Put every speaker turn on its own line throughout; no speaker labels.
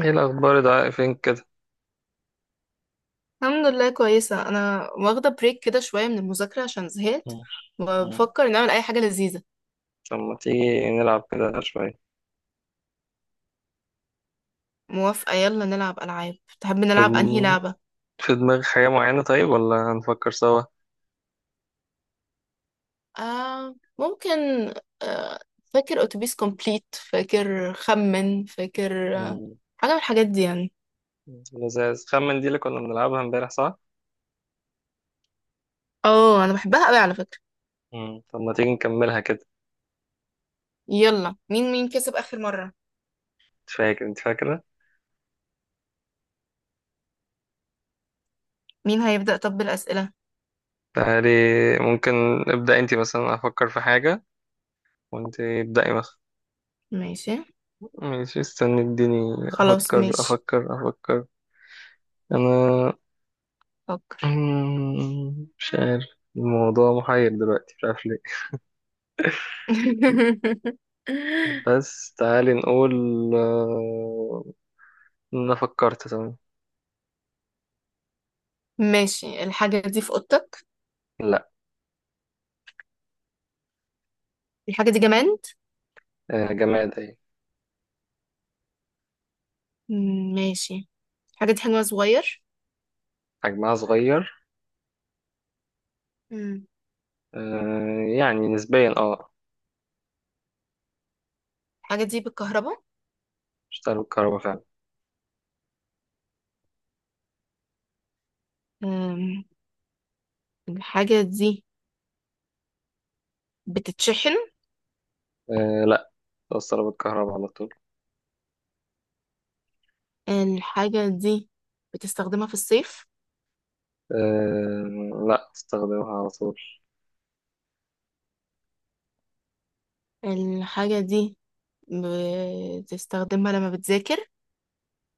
ايه الاخبار يا دعاء، فين كده؟
الحمد لله، كويسة. أنا واخدة بريك كده شوية من المذاكرة عشان زهقت
مم. مم.
وبفكر نعمل أي حاجة لذيذة.
طب ما تيجي نلعب كده شويه؟
موافقة، يلا نلعب ألعاب. تحب
في
نلعب أنهي
دم-
لعبة؟
في دماغك حاجه معينه، طيب ولا هنفكر سوا؟
آه، ممكن. آه. فاكر أتوبيس كومبليت؟ فاكر خمن؟ فاكر؟ آه.
مم.
حاجة من الحاجات دي يعني.
لذيذ، خمن دي اللي كنا بنلعبها امبارح صح؟
اه، أنا بحبها أوي على فكرة.
مم. طب ما تيجي نكملها كده؟
يلا، مين كسب آخر مرة؟
انت فاكره؟
مين هيبدأ طب بالأسئلة؟
تعالي، ممكن. ابدا انت مثلا، افكر في حاجه وانت ابداي مثلا.
ماشي.
ماشي، استني، اديني.
خلاص،
افكر
ماشي.
افكر افكر انا.
فكر.
مش عارف. الموضوع محير دلوقتي، مش عارف ليه. بس تعالي نقول. آه، انا فكرت، تمام.
ماشي، الحاجة دي في أوضتك؟
لا.
الحاجة دي جماد.
آه، جماد اهي.
مم، ماشي. الحاجة دي حجمها صغير.
حجمها صغير.
مم.
آه، يعني نسبيا، اه.
الحاجة دي بالكهرباء.
بتشتغل بالكهرباء فعلا.
أم، الحاجة دي بتتشحن؟
آه، لا. توصلها بالكهرباء على طول.
الحاجة دي بتستخدمها في الصيف؟
آه، لا، استخدمها على طول.
الحاجة دي بتستخدمها لما بتذاكر؟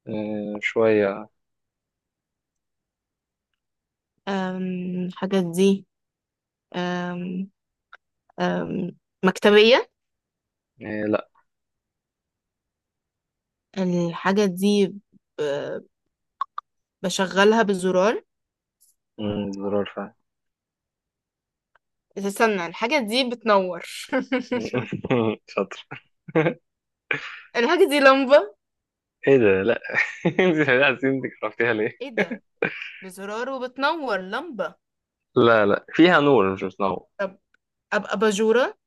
آه، شوية.
الحاجة دي. أم، أم، مكتبية؟
آه، لا.
الحاجة دي ب- بشغلها بالزرار.
زرار فعلا.
استنى، الحاجة دي بتنور!
شاطر.
الحاجة دي لمبة.
ايه ده؟ لا. انت عايزين عرفتيها ليه؟
ايه ده؟ بزرار وبتنور، لمبة.
لا، لا، فيها نور مش بتنور.
طب أبقى باجورة.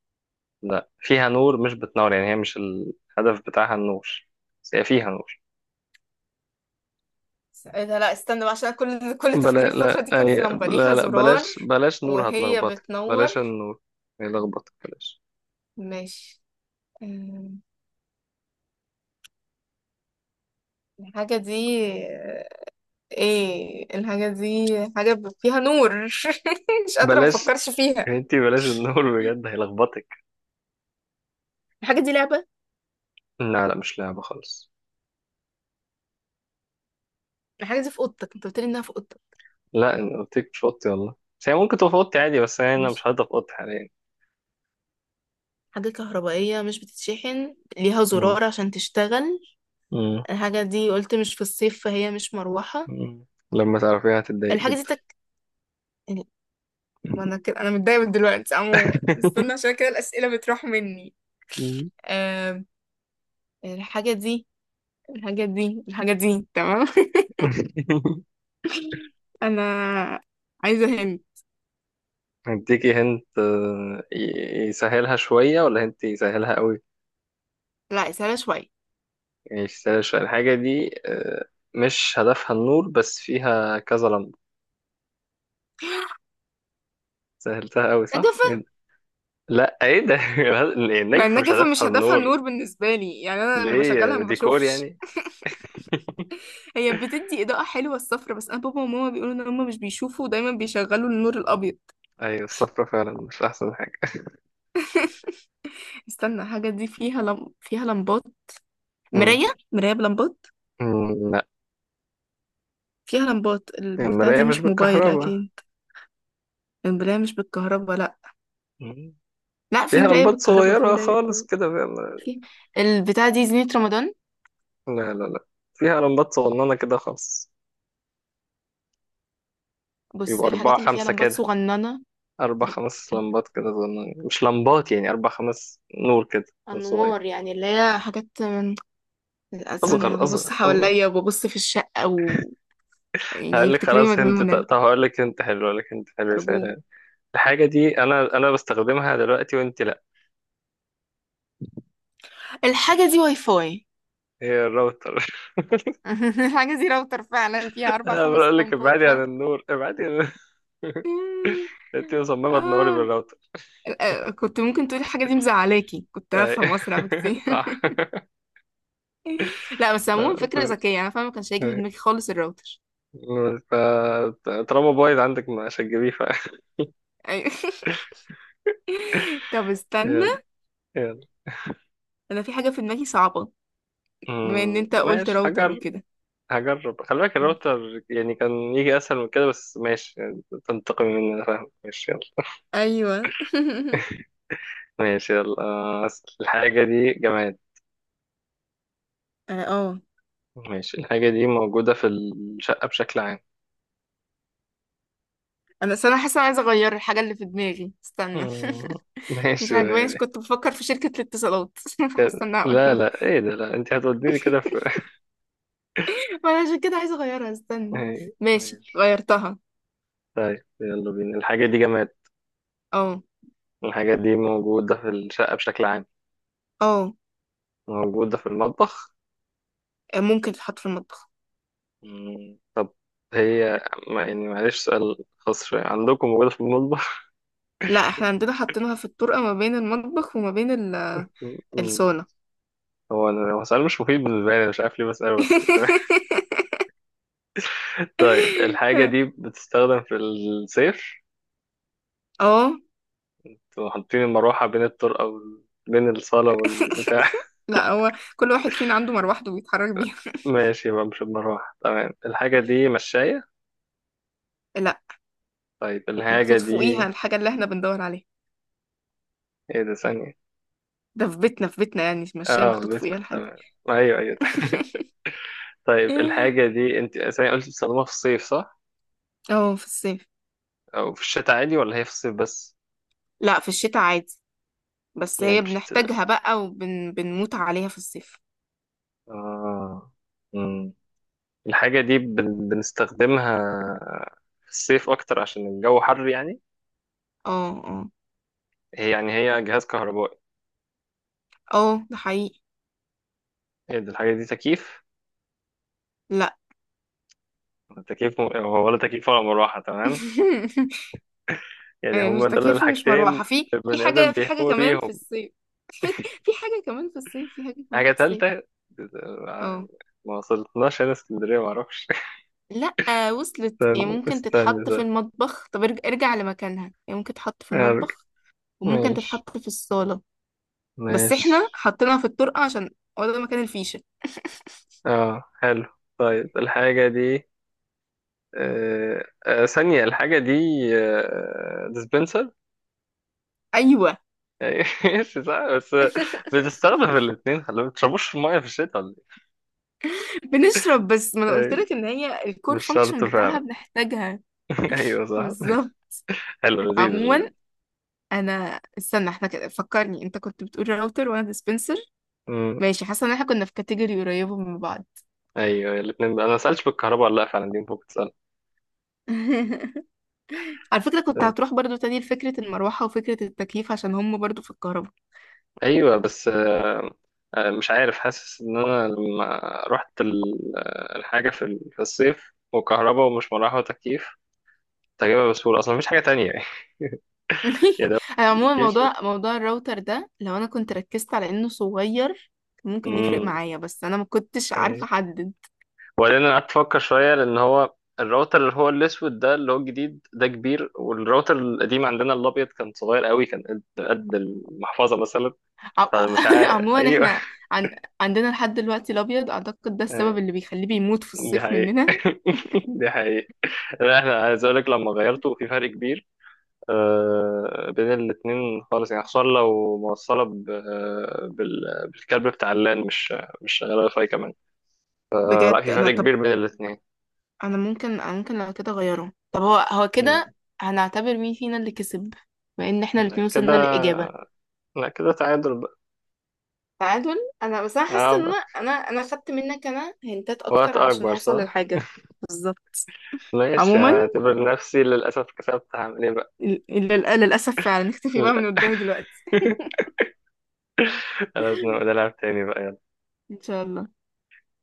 لا، فيها نور مش بتنور، يعني هي مش الهدف بتاعها النور. بس هي فيها نور.
إيه ده؟ لا، استنى بقى، عشان كل كل
بلا
تفكيري في الفترة دي
لا
كان
أي...
في لمبة ليها
لا، لا،
زرار
بلاش، بلاش نور،
وهي
هتلخبطك،
بتنور.
بلاش النور. هيلخبطك، بلاش.
ماشي. أم، الحاجة دي. ايه الحاجة دي؟ حاجة فيها نور. مش قادرة،
بلاش،
مفكرش فيها.
انتي بلاش النور بجد، هيلخبطك.
الحاجة دي لعبة؟
لا، لا، مش لعبة خالص.
الحاجة دي في أوضتك، انت قلتلي انها في أوضتك.
لا، انا قلت لك مش في اوضتي والله، بس هي ممكن تبقى في اوضتي عادي، بس انا
ماشي.
مش هقدر في اوضتي حاليا.
حاجة كهربائية مش بتتشحن، ليها
مم.
زرار عشان تشتغل.
مم.
الحاجة دي قلت مش في الصيف، فهي مش مروحة.
مم. لما تعرفيها هتتضايقي
الحاجة دي
جدا.
ما انا كده، انا متضايقه من دلوقتي. عموما استنى، عشان كده الاسئله بتروح مني.
مم.
آه. الحاجه دي. الحاجه دي تمام. انا عايزه هند.
اديكي هنت. آه، يسهلها شوية ولا هنت يسهلها قوي؟
لا، سهله شويه.
يعني يسهلها شوية الحاجة دي، آه، مش هدفها النور بس فيها كذا لمبة. سهلتها قوي صح؟
نجفه.
إيه ده؟ لا، ايه ده؟
ما
النجف مش
النجفه مش
هدفها
هدفها
النور.
النور بالنسبه لي يعني. انا لما بشغلها
ليه؟
ما
ديكور
بشوفش.
يعني.
هي بتدي اضاءه حلوه، الصفرة، بس انا بابا وماما بيقولوا ان هم مش بيشوفوا ودايما بيشغلوا النور الابيض.
ايوه، الصفرة فعلا مش احسن حاجة.
استنى، الحاجه دي فيها لم... فيها لمبات.
مم.
مرايه. مرايه بلمبات.
لا.
فيها لمبات البتاعه
المراية
دي،
مش
مش موبايل
بالكهرباء.
اكيد. المرايه مش بالكهرباء، لا.
مم.
لا، في
فيها
مراية
لمبات
بالكهرباء، في
صغيرة
مراية.
خالص كده، فاهم؟
في البتاعة دي زينة رمضان.
لا، لا، لا، فيها لمبات صغننة كده خالص.
بص،
يبقى أربعة
الحاجات اللي فيها
خمسة
لمبات
كده.
صغننة.
أربع
أر-
خمس لمبات كده صغننين، مش لمبات يعني، 4 5 نور كده. نور صغير.
أنوار يعني، اللي هي حاجات من الأذان. أنا
أصغر،
ببص
أصغر، أصغر.
حواليا وببص في الشقة و... يعني يفتكروني مجنونة.
هقول لك هنت حلو
أرجوك.
سهل. الحاجة دي أنا بستخدمها دلوقتي، وأنت لأ.
الحاجة دي واي فاي.
هي الراوتر!
الحاجة دي راوتر فعلا، فيها أربع
أنا
خمس
بقول لك
لمبات
ابعدي عن
فعلا.
النور، ابعدي عن... أنت مصممة تنوري
آه.
بالراوتر.
آه، كنت ممكن تقولي الحاجة دي مزعلاكي، كنت
أي.
هفهم أسرع بكتير.
صح.
لا، بس عموما فكرة ذكية، أنا فاهمة، ما كانش هيجي في دماغي خالص الراوتر.
طالما بايظ عندك مش هتجيبيه،
أيوة. طب استنى،
يلا، يلا.
انا في حاجة في دماغي صعبة. بما ان انت قلت
ماشي
راوتر
حاجة.
وكده.
هجرب. خلي بالك الراوتر يعني كان يجي اسهل من كده، بس ماشي يعني، تنتقم مني انا فاهم، ماشي، يلا.
ايوه.
ماشي، يلا. آه، أسأل. الحاجة دي جماد.
اه. آه.
ماشي. الحاجة دي موجودة في الشقة بشكل عام.
انا اصل انا حاسة أنا عايزة اغير الحاجة اللي في دماغي، استنى.
مم،
مش
ماشي.
عاجبانيش،
يعني
كنت بفكر في شركة الاتصالات،
كده.
فحاسة انها، قلت.
لا، لا، ايه ده؟ لا، انت هتوديني كده في...
وانا عشان كده عايزة اغيرها، استنى.
إيه،
ماشي،
ماشي.
غيرتها.
طيب يلا بينا. الحاجة دي جماد.
اه.
الحاجة دي موجودة في الشقة بشكل عام.
اه.
موجودة في المطبخ.
ممكن تتحط في المطبخ.
طب، هي يعني معلش، سؤال خاص شوية، عندكم موجودة في المطبخ؟
لا، احنا عندنا حاطينها في الطرقة ما بين المطبخ وما بين الصالة.
هو سؤال مش مفيد بالنسبة لي، أنا مش عارف ليه بسأله، بس تمام. طيب الحاجة دي بتستخدم في الصيف؟
اه.
تبقوا حاطين المروحة بين الطرقة بين الصالة والبتاع.
لا، هو كل واحد فينا عنده مروحته بيتحرك بيها.
ماشي، يبقى مش المروحة، تمام. الحاجة دي مشاية؟
لا.
طيب الحاجة
محطوط فوقيها
دي...
الحاجة اللي احنا بندور عليها.
ايه ده؟ ثانية.
ده في بيتنا، في بيتنا يعني المشاية
اه،
محطوط فوقيها
بسكوت،
الحاجة.
تمام. ايوه، ايوه. طيب الحاجة دي انت ثانية قلت بتستخدمها في الصيف صح؟
اه، في الصيف.
أو في الشتاء عادي ولا هي في الصيف بس؟
لا، في الشتاء عادي، بس
يعني
هي
بشت...
بنحتاجها بقى وبنموت عليها في الصيف.
اه. الحاجة دي بنستخدمها في الصيف أكتر عشان الجو حر يعني.
اه. اه.
هي يعني هي جهاز كهربائي.
اه، ده حقيقي.
هي دي الحاجة دي تكييف؟
لا.
ولا تكييف ولا مروحة، تمام. يعني
مش
هما دول
تكييف ومش
الحاجتين اللي
مروحة. في
البني آدم
حاجة، في حاجة
بيهتم
كمان
بيهم.
في الصيف. في حاجة كمان في الصيف، في حاجة كمان
حاجة
في الصيف.
تالتة يعني.
اه.
ما وصلتناش، هنا اسكندرية معرفش.
لا، وصلت يعني.
استنى،
ممكن
استنى،
تتحط في
ده.
المطبخ، طب ارجع لمكانها. يعني ممكن تتحط في
أرجع.
المطبخ وممكن
ماشي،
تتحط في الصالة، بس احنا
ماشي.
حطيناها في الطرقة عشان هو ده مكان الفيشة.
اه حلو. طيب الحاجة دي... آه، آه، ثانية. الحاجة دي... آه، dispenser.
ايوه.
ماشي، صح بس. بنستخدم الاثنين، خلي بالك. ما تشربوش في الميه في الشتاء ولا؟
بنشرب، بس ما انا
ايه،
قلت
أيوة،
لك ان هي الكور
مش شرط
فانكشن بتاعها
فعلا.
بنحتاجها.
ايوه، صح.
بالظبط.
حلو، لذيذ،
عموما،
لذيذ.
انا استنى، احنا كده فكرني انت كنت بتقول راوتر وانا ديسبنسر.
أمم،
ماشي، حاسه ان احنا كنا في كاتيجوري قريبه من بعض.
ايوه، الاثنين انا ما سالتش بالكهرباء ولا لا فعلا، دي ممكن تسال.
على فكره كنت هتروح برضو تاني لفكره المروحه وفكره التكييف عشان هم برضو في الكهرباء.
ايوه، بس، آه، آه، مش عارف، حاسس ان انا لما رحت آه، الحاجه في في الصيف وكهرباء، ومش مروحه وتكييف، كنت هجيبها بسهوله اصلا، مفيش حاجه تانية يعني. يا ده،
انا عموما،
مفيش.
موضوع الراوتر ده، لو انا كنت ركزت على انه صغير كان ممكن يفرق
أمم،
معايا، بس انا ما كنتش عارفه احدد.
وبعدين انا قعدت افكر شويه، لان هو الراوتر اللي هو الاسود ده، اللي هو الجديد ده، كبير. والراوتر القديم عندنا الابيض كان صغير قوي، كان قد قد المحفظه مثلا.
ع-
فمش عارف،
عموما
ايوه.
احنا عن... عندنا لحد دلوقتي الابيض، اعتقد ده السبب اللي بيخليه بيموت في
دي
الصيف
حقيقة.
مننا.
دي حقيقة. لا، احنا عايز اقول لك، لما غيرته في فرق كبير، آه، بين الاتنين خالص يعني، خصوصا لو موصلة آه، بالكابل بتاع اللان، مش مش شغالة واي فاي كمان. آه، لا،
بجد
في
انا،
فرق
طب
كبير بين الاتنين.
انا ممكن أنا ممكن لو كده اغيره. طب هو هو كده
مم.
هنعتبر مين فينا اللي كسب؟ بما ان احنا الاتنين
كده.
وصلنا للاجابه.
لا، كده تعادل بقى.
تعادل. انا بس انا حاسه ان انا
آه،
انا انا خدت منك، انا هنتات اكتر
وقت
علشان
أكبر
اوصل
صح؟
للحاجه. بالظبط.
ماشي،
عموما
هعتبر نفسي للأسف كسبت. هعمل إيه بقى؟
للأسف فعلا. نختفي بقى من
لا.
قدامي دلوقتي.
لازم أبقى ألعب تاني بقى.
إن شاء الله.